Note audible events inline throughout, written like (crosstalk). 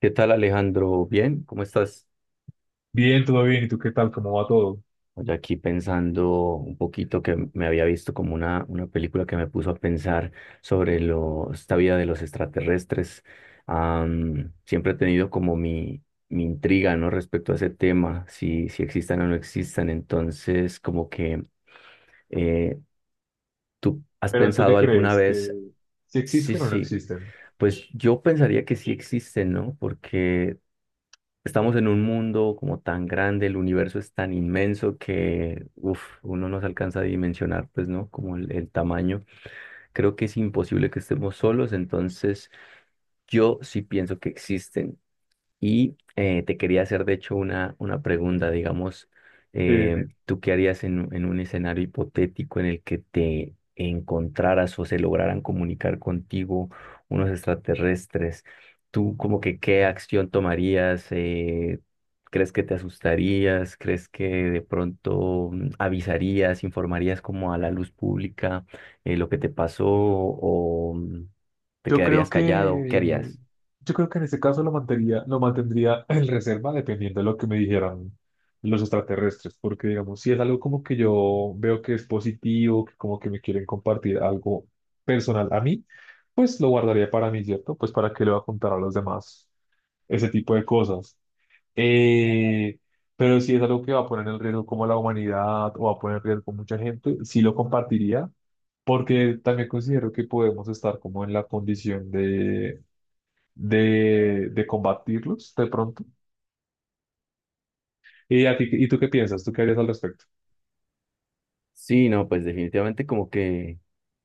¿Qué tal, Alejandro? Bien, ¿cómo estás? Bien, todo bien. ¿Y tú qué tal? ¿Cómo va todo? Oye, aquí pensando un poquito que me había visto como una película que me puso a pensar sobre lo, esta vida de los extraterrestres. Siempre he tenido como mi intriga, ¿no? Respecto a ese tema, si existan o no existan. Entonces, como que eh, tú has Pero ¿tú pensado qué alguna crees? ¿Que vez, si sí, existen o no sí, existen? pues yo pensaría que sí existen, ¿no? Porque estamos en un mundo como tan grande, el universo es tan inmenso que uf, uno no se alcanza a dimensionar, pues, ¿no? Como el tamaño. Creo que es imposible que estemos solos, entonces yo sí pienso que existen. Y te quería hacer, de hecho, una pregunta, digamos, Sí, dime. ¿tú qué harías en un escenario hipotético en el que te encontraras o se lograran comunicar contigo unos extraterrestres? ¿Tú como que qué acción tomarías? ¿Crees que te asustarías? ¿Crees que de pronto avisarías, informarías como a la luz pública lo que te pasó o te Yo creo quedarías callado? ¿Qué que harías? yo creo que en este caso lo mantendría (laughs) en reserva dependiendo de lo que me dijeran los extraterrestres, porque digamos, si es algo como que yo veo que es positivo, que como que me quieren compartir algo personal a mí, pues lo guardaría para mí, ¿cierto? Pues para qué le voy a contar a los demás ese tipo de cosas. Eh, pero si es algo que va a poner en riesgo como la humanidad o va a poner en riesgo mucha gente, sí lo compartiría, porque también considero que podemos estar como en la condición de, de combatirlos de pronto. ¿Y tú qué piensas? ¿Tú qué harías al respecto? Sí, no, pues definitivamente como que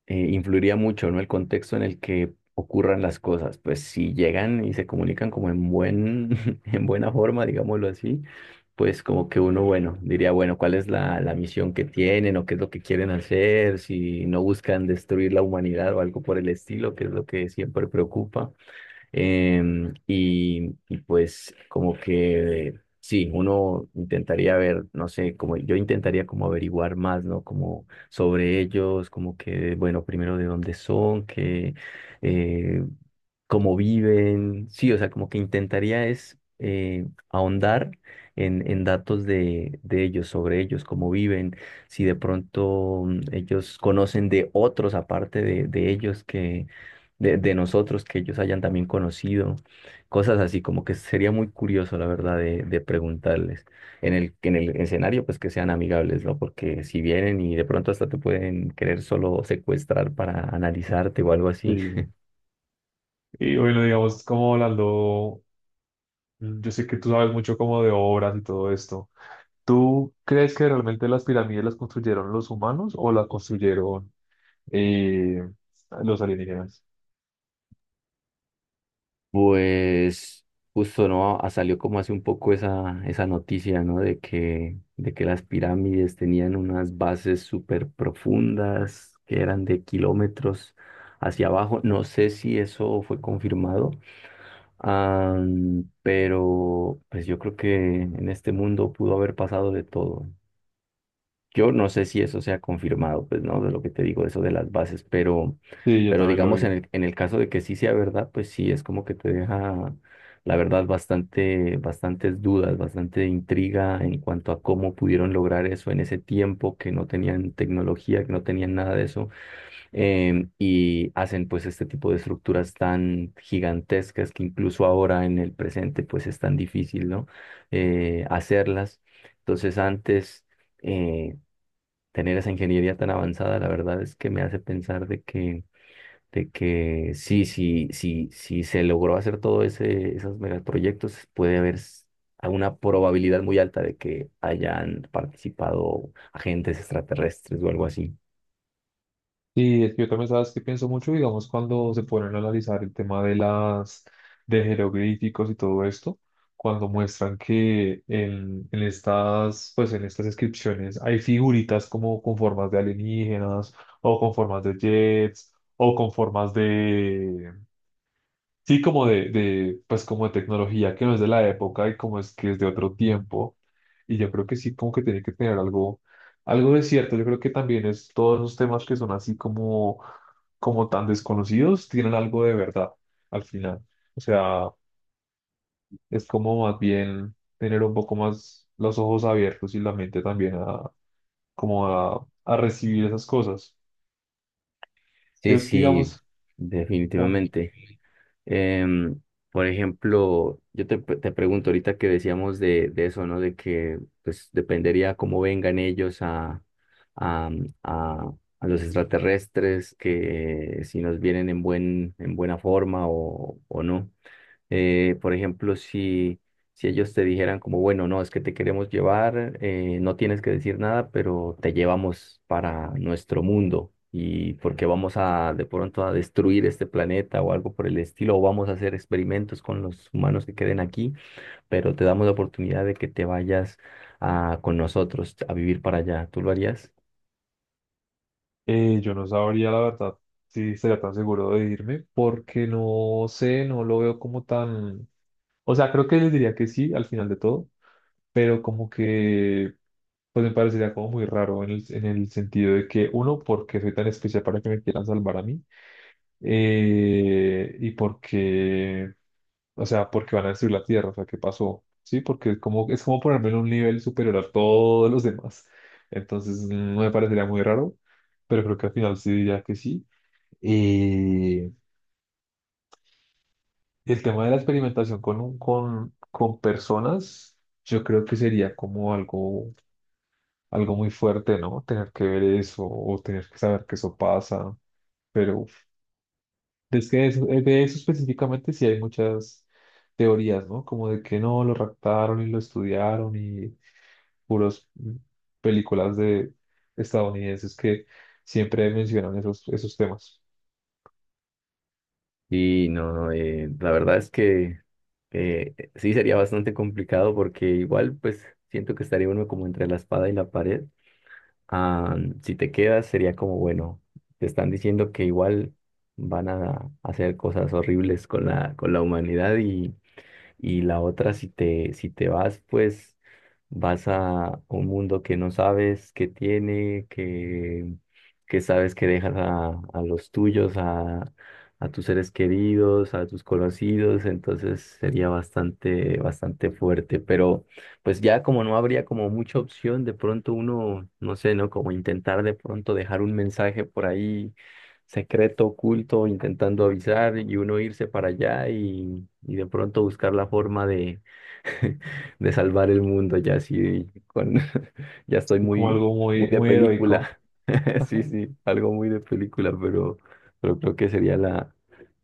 influiría mucho, ¿no? El contexto en el que ocurran las cosas. Pues si llegan y se comunican como en buen, (laughs) en buena forma, digámoslo así, pues como que uno, bueno, diría, bueno, ¿cuál es la misión que tienen o qué es lo que quieren hacer? Si no buscan destruir la humanidad o algo por el estilo, que es lo que siempre preocupa. Y pues como que sí, uno intentaría ver, no sé, como yo intentaría como averiguar más, ¿no? Como sobre ellos, como que, bueno, primero de dónde son, que eh, cómo viven, sí, o sea, como que intentaría es ahondar en datos de ellos, sobre ellos, cómo viven, si de pronto ellos conocen de otros aparte de ellos que, de nosotros, que ellos hayan también conocido, cosas así, como que sería muy curioso, la verdad, de preguntarles. En el escenario, pues que sean amigables, ¿no? Porque si vienen y de pronto hasta te pueden querer solo secuestrar para analizarte o algo así. Sí. Y bueno, digamos, como hablando, yo sé que tú sabes mucho como de obras y todo esto. ¿Tú crees que realmente las pirámides las construyeron los humanos o las construyeron eh, los alienígenas? Pues justo no, ah, salió como hace un poco esa noticia, ¿no? De que las pirámides tenían unas bases súper profundas que eran de kilómetros hacia abajo. No sé si eso fue confirmado, pero pues yo creo que en este mundo pudo haber pasado de todo. Yo no sé si eso sea confirmado, pues no, de lo que te digo, eso de las bases, Sí, yo pero también lo digamos en vi. el caso de que sí sea verdad, pues sí es como que te deja, la verdad, bastante, bastantes dudas, bastante intriga en cuanto a cómo pudieron lograr eso en ese tiempo, que no tenían tecnología, que no tenían nada de eso, y hacen pues este tipo de estructuras tan gigantescas que incluso ahora en el presente pues es tan difícil, ¿no? Hacerlas. Entonces antes... eh, tener esa ingeniería tan avanzada, la verdad es que me hace pensar de que sí se logró hacer todo esos megaproyectos, a una probabilidad muy alta de que hayan participado agentes extraterrestres o algo así. Y es que yo también sabes que pienso mucho, digamos, cuando se ponen a analizar el tema de las de jeroglíficos y todo esto, cuando muestran que en estas, pues en estas inscripciones hay figuritas como con formas de alienígenas, o con formas de jets, o con formas de, sí, como de, pues como de tecnología que no es de la época y como es que es de otro tiempo. Y yo creo que sí, como que tiene que tener algo, algo de cierto. Yo creo que también es todos los temas que son así como, como tan desconocidos, tienen algo de verdad al final. O sea, es como más bien tener un poco más los ojos abiertos y la mente también a, como a recibir esas cosas. Sí, Yo, sí, sí, digamos, un- definitivamente. Em, por ejemplo, yo te pregunto ahorita que decíamos de eso, ¿no? De que pues dependería cómo vengan ellos a, a, a los extraterrestres, que si nos vienen en buen, en buena forma o no. Por ejemplo, si, si ellos te dijeran como, bueno, no, es que te queremos llevar, no tienes que decir nada, pero te llevamos para nuestro mundo y porque vamos a de pronto a destruir este planeta o algo por el estilo, o vamos a hacer experimentos con los humanos que queden aquí, pero te damos la oportunidad de que te vayas a, con nosotros a vivir para allá. ¿Tú lo harías? yo no sabría, la verdad, si sería tan seguro de irme, porque no sé, no lo veo como tan... O sea, creo que les diría que sí al final de todo, pero como que, pues me parecería como muy raro en el sentido de que, uno, porque soy tan especial para que me quieran salvar a mí, y porque, o sea, porque van a destruir la Tierra, o sea, ¿qué pasó? Sí, porque es como ponerme en un nivel superior a todos los demás. Entonces, no me parecería muy raro, pero creo que al final sí diría que sí. Y el tema de la experimentación con personas, yo creo que sería como algo, algo muy fuerte, ¿no? Tener que ver eso o tener que saber que eso pasa. Pero uf, de eso específicamente sí hay muchas teorías, ¿no? Como de que no, lo raptaron y lo estudiaron y puros películas de estadounidenses que siempre mencionan esos temas. Sí, no, no, la verdad es que sí sería bastante complicado porque igual pues siento que estaría uno como entre la espada y la pared. Ah, si te quedas sería como, bueno, te están diciendo que igual van a hacer cosas horribles con la humanidad y la otra, si te, si te vas, pues vas a un mundo que no sabes que tiene, que sabes que dejas a los tuyos, a tus seres queridos, a tus conocidos, entonces sería bastante, bastante fuerte, pero pues ya como no habría como mucha opción, de pronto uno, no sé, ¿no? Como intentar de pronto dejar un mensaje por ahí secreto, oculto, intentando avisar y uno irse para allá y de pronto buscar la forma de, (laughs) de salvar el mundo, ya así con, (laughs) ya estoy Como muy, algo muy muy, de muy heroico película. (laughs) Sí, sí, algo muy de película, pero creo que sería la,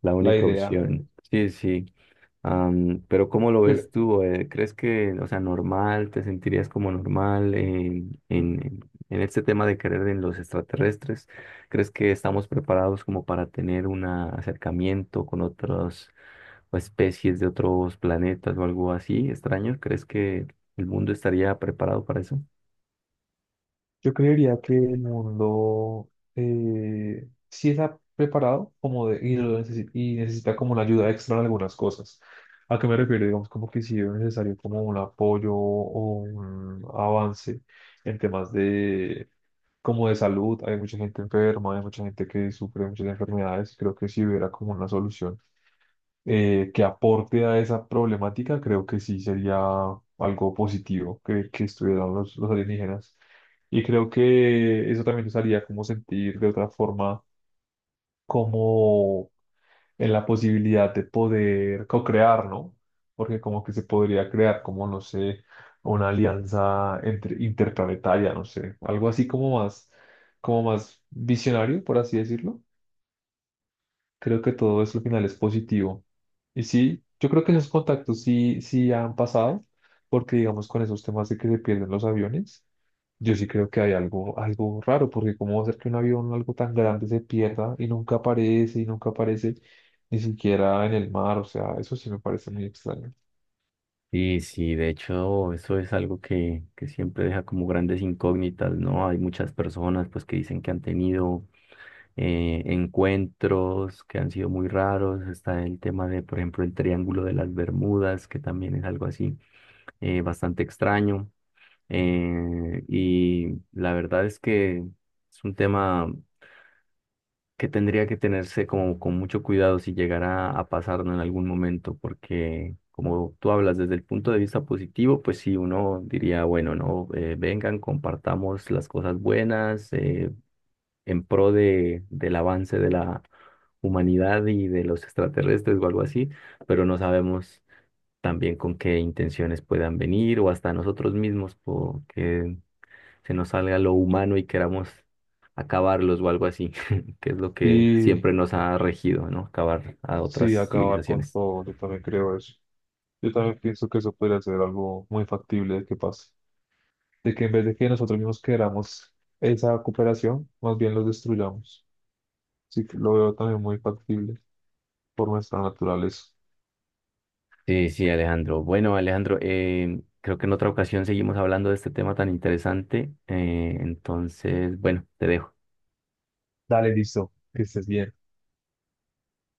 la la única idea. opción. Sí, sí. Pero ¿cómo lo Pero ves tú? ¿Crees que, o sea, normal, te sentirías como normal en este tema de creer en los extraterrestres? ¿Crees que estamos preparados como para tener un acercamiento con otras o especies de otros planetas o algo así extraño? ¿Crees que el mundo estaría preparado para eso? yo creería que el mundo sí está preparado como de, y, y necesita como una ayuda extra en algunas cosas. ¿A qué me refiero? Digamos como que sí es necesario como un apoyo o un avance en temas de como de salud. Hay mucha gente enferma, hay mucha gente que sufre muchas enfermedades. Creo que si hubiera como una solución que aporte a esa problemática, creo que sí sería algo positivo que estuvieran los alienígenas. Y creo que eso también nos haría como sentir de otra forma, como en la posibilidad de poder co-crear, ¿no? Porque como que se podría crear, como no sé, una alianza interplanetaria, no sé, algo así como más visionario, por así decirlo. Creo que todo eso al final es positivo. Y sí, yo creo que esos contactos sí, sí han pasado, porque digamos con esos temas de que se pierden los aviones, yo sí creo que hay algo, algo raro, porque cómo va a ser que un avión, algo tan grande, se pierda y nunca aparece ni siquiera en el mar, o sea, eso sí me parece muy extraño. Sí, sí, de hecho, eso es algo que siempre deja como grandes incógnitas, ¿no? Hay muchas personas pues que dicen que han tenido encuentros que han sido muy raros. Está el tema de, por ejemplo, el Triángulo de las Bermudas, que también es algo así bastante extraño. Y la verdad es que es un tema que tendría que tenerse como con mucho cuidado si llegara a pasarnos en algún momento, porque como tú hablas desde el punto de vista positivo, pues sí, uno diría, bueno, no, eh, vengan, compartamos las cosas buenas, en pro de, del avance de la humanidad y de los extraterrestres o algo así, pero no sabemos también con qué intenciones puedan venir o hasta nosotros mismos porque se nos salga lo humano y queramos acabarlos o algo así, (laughs) que es lo que Y siempre nos ha regido, ¿no? Acabar a sí, otras acabar con civilizaciones. todo, yo también creo eso. Yo también pienso que eso podría ser algo muy factible de que pase, de que en vez de que nosotros mismos queramos esa cooperación, más bien los destruyamos. Así que lo veo también muy factible por nuestra naturaleza. Sí, sí, Alejandro. Bueno, Alejandro, creo que en otra ocasión seguimos hablando de este tema tan interesante. Entonces, bueno, te dejo. Dale, listo, que estés bien.